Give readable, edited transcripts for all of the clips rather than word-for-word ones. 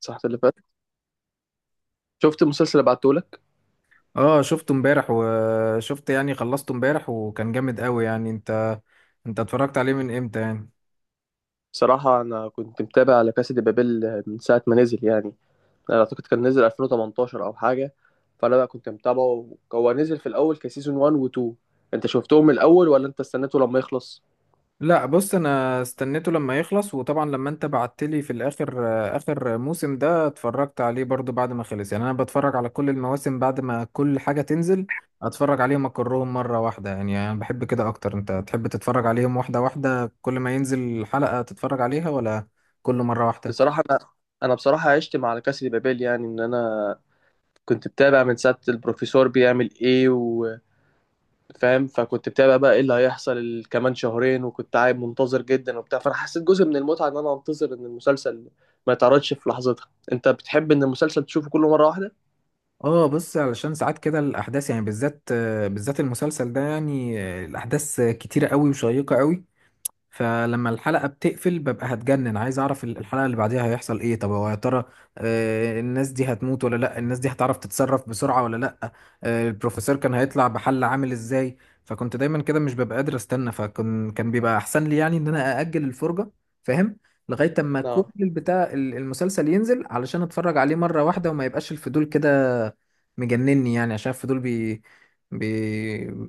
صح اللي فات. شفت المسلسل اللي بعتهولك؟ اه، شفته امبارح. يعني خلصته امبارح، وكان جامد قوي، يعني. انت اتفرجت عليه من امتى يعني؟ بصراحة أنا كنت متابع لكاسا دي بابيل من ساعة ما نزل، يعني أنا أعتقد كان نزل 2018 أو حاجة. فأنا بقى كنت متابعه، هو نزل في الأول كسيزون 1 و 2. أنت شفتهم من الأول ولا أنت استنيته لما يخلص؟ لا، بص، انا استنيته لما يخلص. وطبعا لما انت بعتلي في الاخر، اخر موسم ده اتفرجت عليه برضو بعد ما خلص، يعني. انا بتفرج على كل المواسم بعد ما كل حاجة تنزل، اتفرج عليهم اكرهم مرة واحدة. يعني انا بحب كده اكتر. انت تحب تتفرج عليهم واحدة واحدة، كل ما ينزل حلقة تتفرج عليها، ولا كل مرة واحدة؟ بصراحة أنا عشت مع لكاسا دي بابيل، يعني إن أنا كنت متابع من ساعة البروفيسور بيعمل إيه، فاهم؟ فكنت بتابع بقى ايه اللي هيحصل كمان شهرين، وكنت قاعد منتظر جدا وبتاع. فانا حسيت جزء من المتعه ان انا انتظر ان المسلسل ما يتعرضش في لحظتها. انت بتحب ان المسلسل تشوفه كله مره واحده؟ اه، بص، علشان ساعات كده الاحداث يعني بالذات، بالذات المسلسل ده، يعني، الاحداث كتيره قوي وشيقه قوي. فلما الحلقة بتقفل ببقى هتجنن، عايز اعرف الحلقة اللي بعديها هيحصل ايه. طب هو يا ترى، الناس دي هتموت ولا لا؟ الناس دي هتعرف تتصرف بسرعة ولا لا؟ البروفيسور كان هيطلع بحل عامل ازاي؟ فكنت دايما كده مش ببقى قادر استنى، فكان بيبقى احسن لي يعني ان انا ااجل الفرجة، فاهم؟ لغاية اما كل اه. البتاع المسلسل ينزل علشان اتفرج عليه مرة واحدة، وما يبقاش الفضول كده مجنني، يعني عشان الفضول بي بي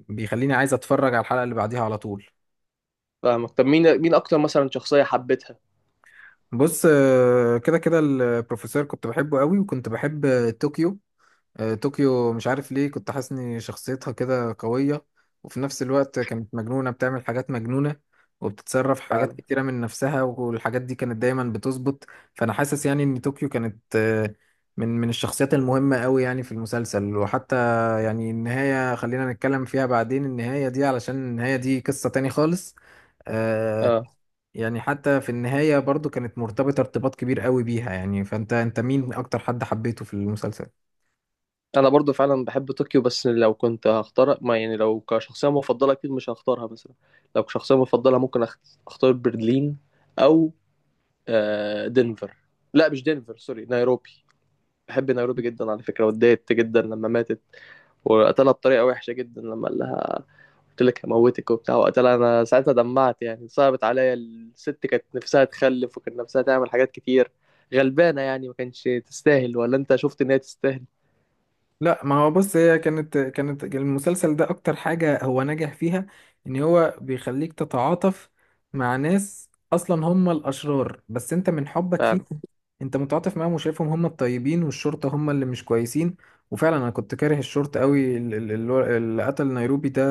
بيخليني عايز اتفرج على الحلقة اللي بعديها على طول. فاهمك. طب مين اكتر مثلا شخصيه حبيتها؟ بص، كده كده البروفيسور كنت بحبه قوي، وكنت بحب طوكيو. طوكيو، مش عارف ليه كنت حاسس ان شخصيتها كده قوية، وفي نفس الوقت كانت مجنونة، بتعمل حاجات مجنونة وبتتصرف في حاجات فعلا. كتيرة من نفسها، والحاجات دي كانت دايما بتظبط. فأنا حاسس يعني ان طوكيو كانت من الشخصيات المهمة قوي يعني في المسلسل. وحتى يعني النهاية، خلينا نتكلم فيها بعدين، النهاية دي علشان النهاية دي قصة تاني خالص. آه، اه، يعني حتى في النهاية برضو كانت مرتبطة ارتباط كبير قوي بيها، يعني. فانت مين اكتر حد حبيته في المسلسل؟ انا برضو فعلا بحب طوكيو، بس لو كنت هختار، ما يعني لو كشخصيه مفضله اكيد مش هختارها مثلا. لو كشخصيه مفضله ممكن اختار برلين، او آه، دنفر. لا مش دنفر، سوري، نيروبي. بحب نيروبي جدا على فكرة، واتضايقت جدا لما ماتت. وقتلها بطريقة وحشة جدا، لما قال لها قلت لك هموتك وبتاع وقتلها. أنا ساعتها دمعت، يعني صعبت عليا، الست كانت نفسها تخلف وكانت نفسها تعمل حاجات كتير. غلبانة يعني، ما كانش تستاهل، ولا أنت شفت إن هي تستاهل؟ لا، ما هو بص، هي كانت المسلسل ده اكتر حاجة هو نجح فيها ان هو بيخليك تتعاطف مع ناس اصلا هم الاشرار، بس انت من حبك فيه، فعلا. انت متعاطف معاهم وشايفهم هم الطيبين، والشرطة هم اللي مش كويسين. وفعلا انا كنت كاره الشرطة قوي، اللي قتل نيروبي ده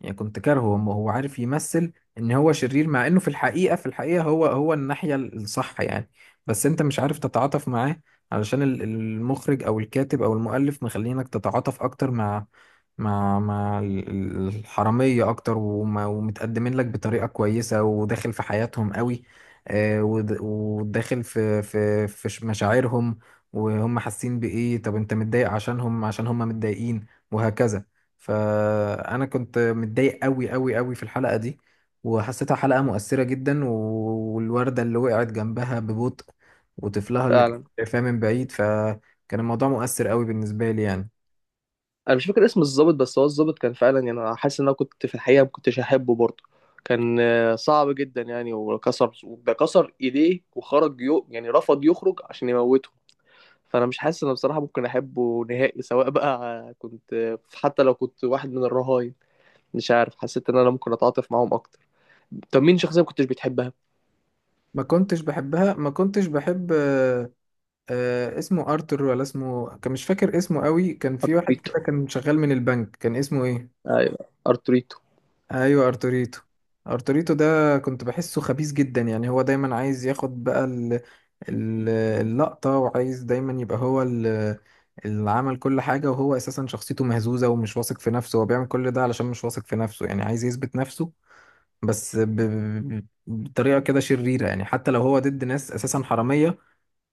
يعني كنت كارهه. هو عارف يمثل ان هو شرير، مع انه في الحقيقة هو الناحية الصح، يعني. بس انت مش عارف تتعاطف معاه علشان المخرج او الكاتب او المؤلف مخلينك تتعاطف اكتر مع الحرامية اكتر، ومتقدمين لك بطريقة كويسة، وداخل في حياتهم قوي، وداخل في مشاعرهم وهم حاسين بايه. طب انت متضايق عشانهم عشان هم متضايقين، وهكذا. فانا كنت متضايق قوي قوي قوي في الحلقة دي، وحسيتها حلقة مؤثرة جدا، والوردة اللي وقعت جنبها ببطء، وطفلها اللي فعلا. شايفاها من بعيد، فكان الموضوع مؤثر قوي بالنسبة لي، يعني. أنا مش فاكر اسم الضابط، بس هو الضابط كان فعلا، يعني أنا حاسس إن أنا كنت في الحقيقة ما كنتش أحبه برضه. كان آه، صعب جدا يعني، وكسر ده كسر إيديه وخرج، يو يعني رفض يخرج عشان يموته. فانا مش حاسس ان بصراحه ممكن احبه نهائي، سواء بقى كنت، حتى لو كنت واحد من الرهاين. مش عارف، حسيت ان انا ممكن اتعاطف معاهم اكتر. طب مين شخصيه ما كنتش بتحبها؟ ما كنتش بحبها، ما كنتش بحب اسمه ارتر ولا اسمه، كان مش فاكر اسمه قوي. كان في واحد ارتوريتو. كده كان شغال من البنك، كان اسمه ايه؟ ايوه، ارتوريتو. ايوه، ارتوريتو. ارتوريتو ده كنت بحسه خبيث جدا، يعني هو دايما عايز ياخد بقى اللقطة، وعايز دايما يبقى هو اللي عمل كل حاجة، وهو اساسا شخصيته مهزوزة ومش واثق في نفسه، هو بيعمل كل ده علشان مش واثق في نفسه، يعني عايز يثبت نفسه، بس بطريقة كده شريرة، يعني. حتى لو هو ضد ناس أساسا حرامية،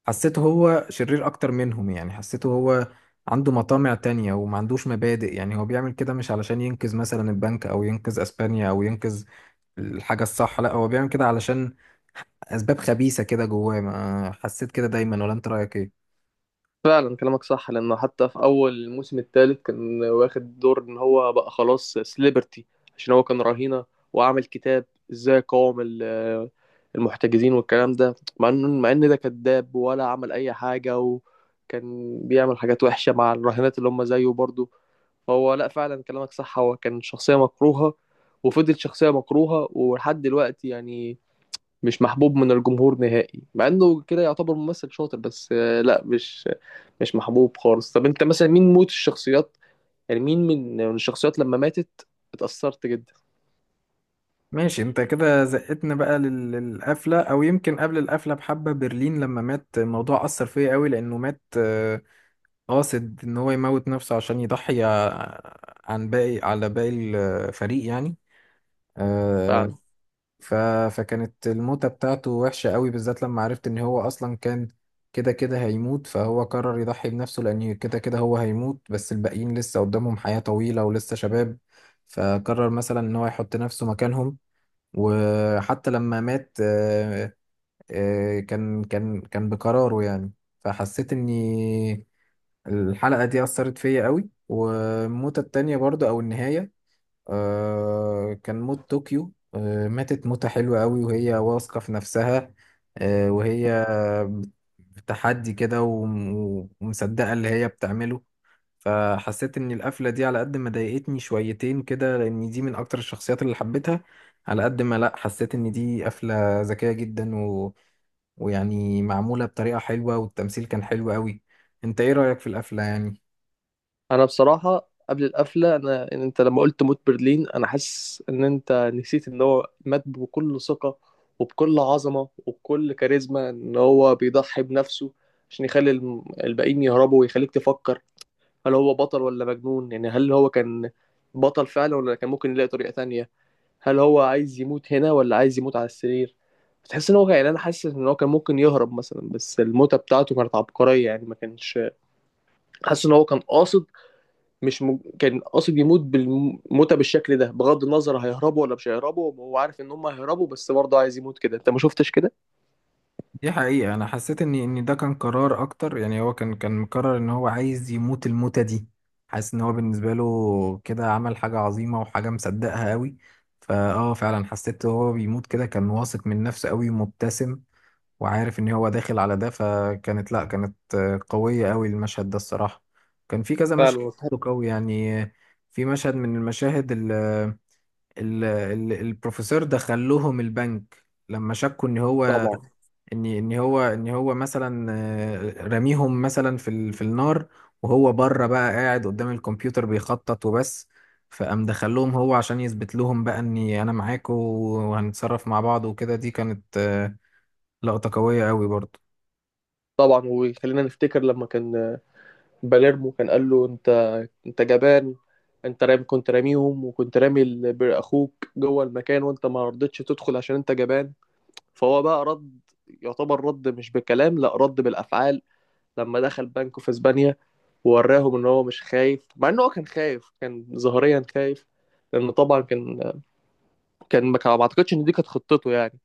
حسيته هو شرير أكتر منهم، يعني حسيته هو عنده مطامع تانية وما عندوش مبادئ، يعني هو بيعمل كده مش علشان ينقذ مثلا البنك أو ينقذ أسبانيا أو ينقذ الحاجة الصح. لا، هو بيعمل كده علشان أسباب خبيثة كده جواه. ما حسيت كده دايما، ولا أنت رأيك إيه؟ فعلا كلامك صح، لانه حتى في اول الموسم الثالث كان واخد دور ان هو بقى خلاص سليبرتي، عشان هو كان رهينه، وعمل كتاب ازاي قاوم المحتجزين والكلام ده، مع ان مع ان ده كذاب ولا عمل اي حاجه، وكان بيعمل حاجات وحشه مع الرهينات اللي هم زيه برضه. هو لا، فعلا كلامك صح، هو كان شخصية مكروهة، وفضل شخصية مكروهة ولحد دلوقتي يعني. مش محبوب من الجمهور نهائي، مع انه كده يعتبر ممثل شاطر، بس آه، لا مش محبوب خالص. طب انت مثلا مين موت الشخصيات، يعني مين من الشخصيات لما ماتت اتأثرت جدا؟ ماشي، انت كده زقتنا بقى للقفلة او يمكن قبل القفلة بحبة. برلين لما مات الموضوع أثر فيا قوي، لأنه مات قاصد ان هو يموت نفسه عشان يضحي عن باقي، على باقي الفريق، يعني. آه، فعلا. ف فكانت الموتة بتاعته وحشة قوي، بالذات لما عرفت ان هو اصلا كان كده كده هيموت، فهو قرر يضحي بنفسه لان كده كده هو هيموت، بس الباقيين لسه قدامهم حياة طويلة ولسه شباب. فقرر مثلا ان هو يحط نفسه مكانهم. وحتى لما مات، كان بقراره، يعني. فحسيت اني الحلقة دي أثرت فيا قوي، والموتة التانية برضه أو النهاية، كان موت طوكيو. ماتت موتة حلوة قوي وهي واثقة في نفسها، وهي بتحدي كده ومصدقة اللي هي بتعمله. فحسيت إن القفلة دي على قد ما ضايقتني شويتين كده، لأن دي من أكتر الشخصيات اللي حبيتها، على قد ما، لأ، حسيت إن دي قفلة ذكية جدا، ويعني معمولة بطريقة حلوة، والتمثيل كان حلو قوي. أنت إيه رأيك في القفلة يعني؟ انا بصراحه قبل القفله، انا إن انت لما قلت موت برلين، انا حاسس ان انت نسيت ان هو مات بكل ثقه وبكل عظمه وبكل كاريزما، ان هو بيضحي بنفسه عشان يخلي الباقيين يهربوا، ويخليك تفكر هل هو بطل ولا مجنون. يعني هل هو كان بطل فعلا ولا كان ممكن يلاقي طريقه تانية؟ هل هو عايز يموت هنا ولا عايز يموت على السرير؟ بتحس ان هو، يعني انا حاسس ان هو كان ممكن يهرب مثلا، بس الموتة بتاعته كانت عبقرية يعني. ما كانش حاسس ان هو كان قاصد، مش م... كان قاصد يموت بالموتة بالشكل ده، بغض النظر هيهربوا ولا مش هيهربوا. هو عارف ان هم هيهربوا، بس برضه عايز يموت كده. انت ما شفتش كده؟ دي حقيقة، أنا حسيت إن ده كان قرار أكتر، يعني هو كان مقرر إن هو عايز يموت الموتة دي. حاسس إن هو بالنسبة له كده عمل حاجة عظيمة، وحاجة مصدقها أوي. فا آه فعلا حسيت هو بيموت كده كان واثق من نفسه أوي ومبتسم، وعارف إن هو داخل على ده. فكانت، لأ، كانت قوية أوي المشهد ده، الصراحة. كان في كذا مشهد فعلا. قوي، يعني. في مشهد من المشاهد ال ال ال البروفيسور دخل لهم البنك لما شكوا ان هو طبعا. ان ان هو ان هو مثلا رميهم مثلا في النار، وهو بره بقى قاعد قدام الكمبيوتر بيخطط وبس. فقام دخلهم هو عشان يثبت لهم بقى اني انا معاكم وهنتصرف مع بعض وكده. دي كانت لقطة قوية قوي برضه. طبعا، وخلينا نفتكر لما كان باليرمو كان قال له انت، انت جبان، انت رامي، كنت راميهم، وكنت رامي اخوك جوه المكان، وانت ما رضيتش تدخل عشان انت جبان. فهو بقى رد، يعتبر رد مش بالكلام، لا رد بالافعال، لما دخل بنك في اسبانيا، ووراهم ان هو مش خايف، مع ان هو كان خايف، كان ظاهريا خايف، لان طبعا كان، ما اعتقدش ان دي كانت خطته يعني.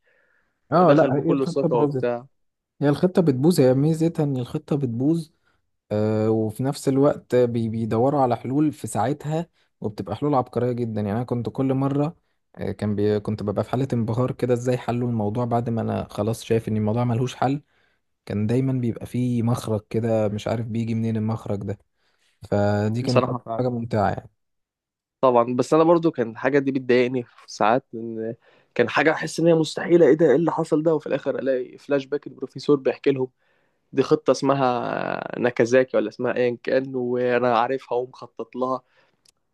لا اه دخل لا، هي بكل الخطة ثقه باظت. وبتاع. هي الخطة بتبوظ، هي ميزتها ان الخطة بتبوظ. وفي نفس الوقت بيدوروا على حلول في ساعتها، وبتبقى حلول عبقرية جدا، يعني. أنا كنت كل مرة كنت ببقى في حالة انبهار كده إزاي حلوا الموضوع، بعد ما أنا خلاص شايف إن الموضوع ملهوش حل. كان دايما بيبقى فيه مخرج كده، مش عارف بيجي منين المخرج ده. فدي كانت بصراحه أكتر فعلا. حاجة ممتعة، يعني. طبعا، بس انا برضو كان الحاجه دي بتضايقني في ساعات، لان كان حاجه احس ان هي مستحيله، ايه ده ايه اللي حصل ده، وفي الاخر الاقي فلاش باك البروفيسور بيحكي لهم دي خطه اسمها ناكازاكي ولا اسمها ايا كان، وانا عارفها ومخطط لها.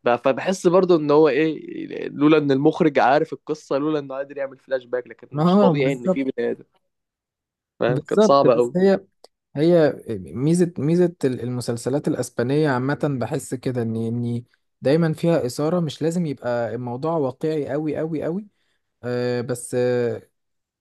فبحس برضو ان هو ايه، لولا ان المخرج عارف القصه، لولا انه قادر يعمل فلاش باك، لكن مش اه، طبيعي ان بالظبط. في بني ادم. فاهم؟ كانت بالظبط، صعبه بس قوي. هي ميزة المسلسلات الأسبانية عامة، بحس كده إن دايما فيها إثارة، مش لازم يبقى الموضوع واقعي أوي أوي أوي، بس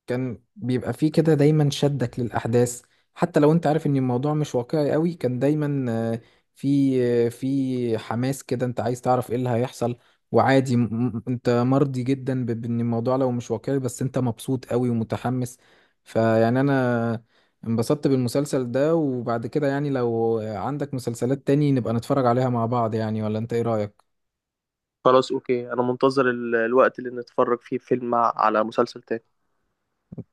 كان بيبقى فيه كده دايما شدك للأحداث، حتى لو انت عارف ان الموضوع مش واقعي قوي، كان دايما في في حماس كده، انت عايز تعرف ايه اللي هيحصل. وعادي، انت مرضي جدا بان الموضوع لو مش واقعي، بس انت مبسوط قوي ومتحمس. فيعني انا انبسطت بالمسلسل ده. وبعد كده يعني لو عندك مسلسلات تاني نبقى نتفرج عليها مع بعض، يعني. ولا انت ايه رأيك؟ خلاص اوكي، انا منتظر الوقت اللي نتفرج فيه فيلم على مسلسل تاني.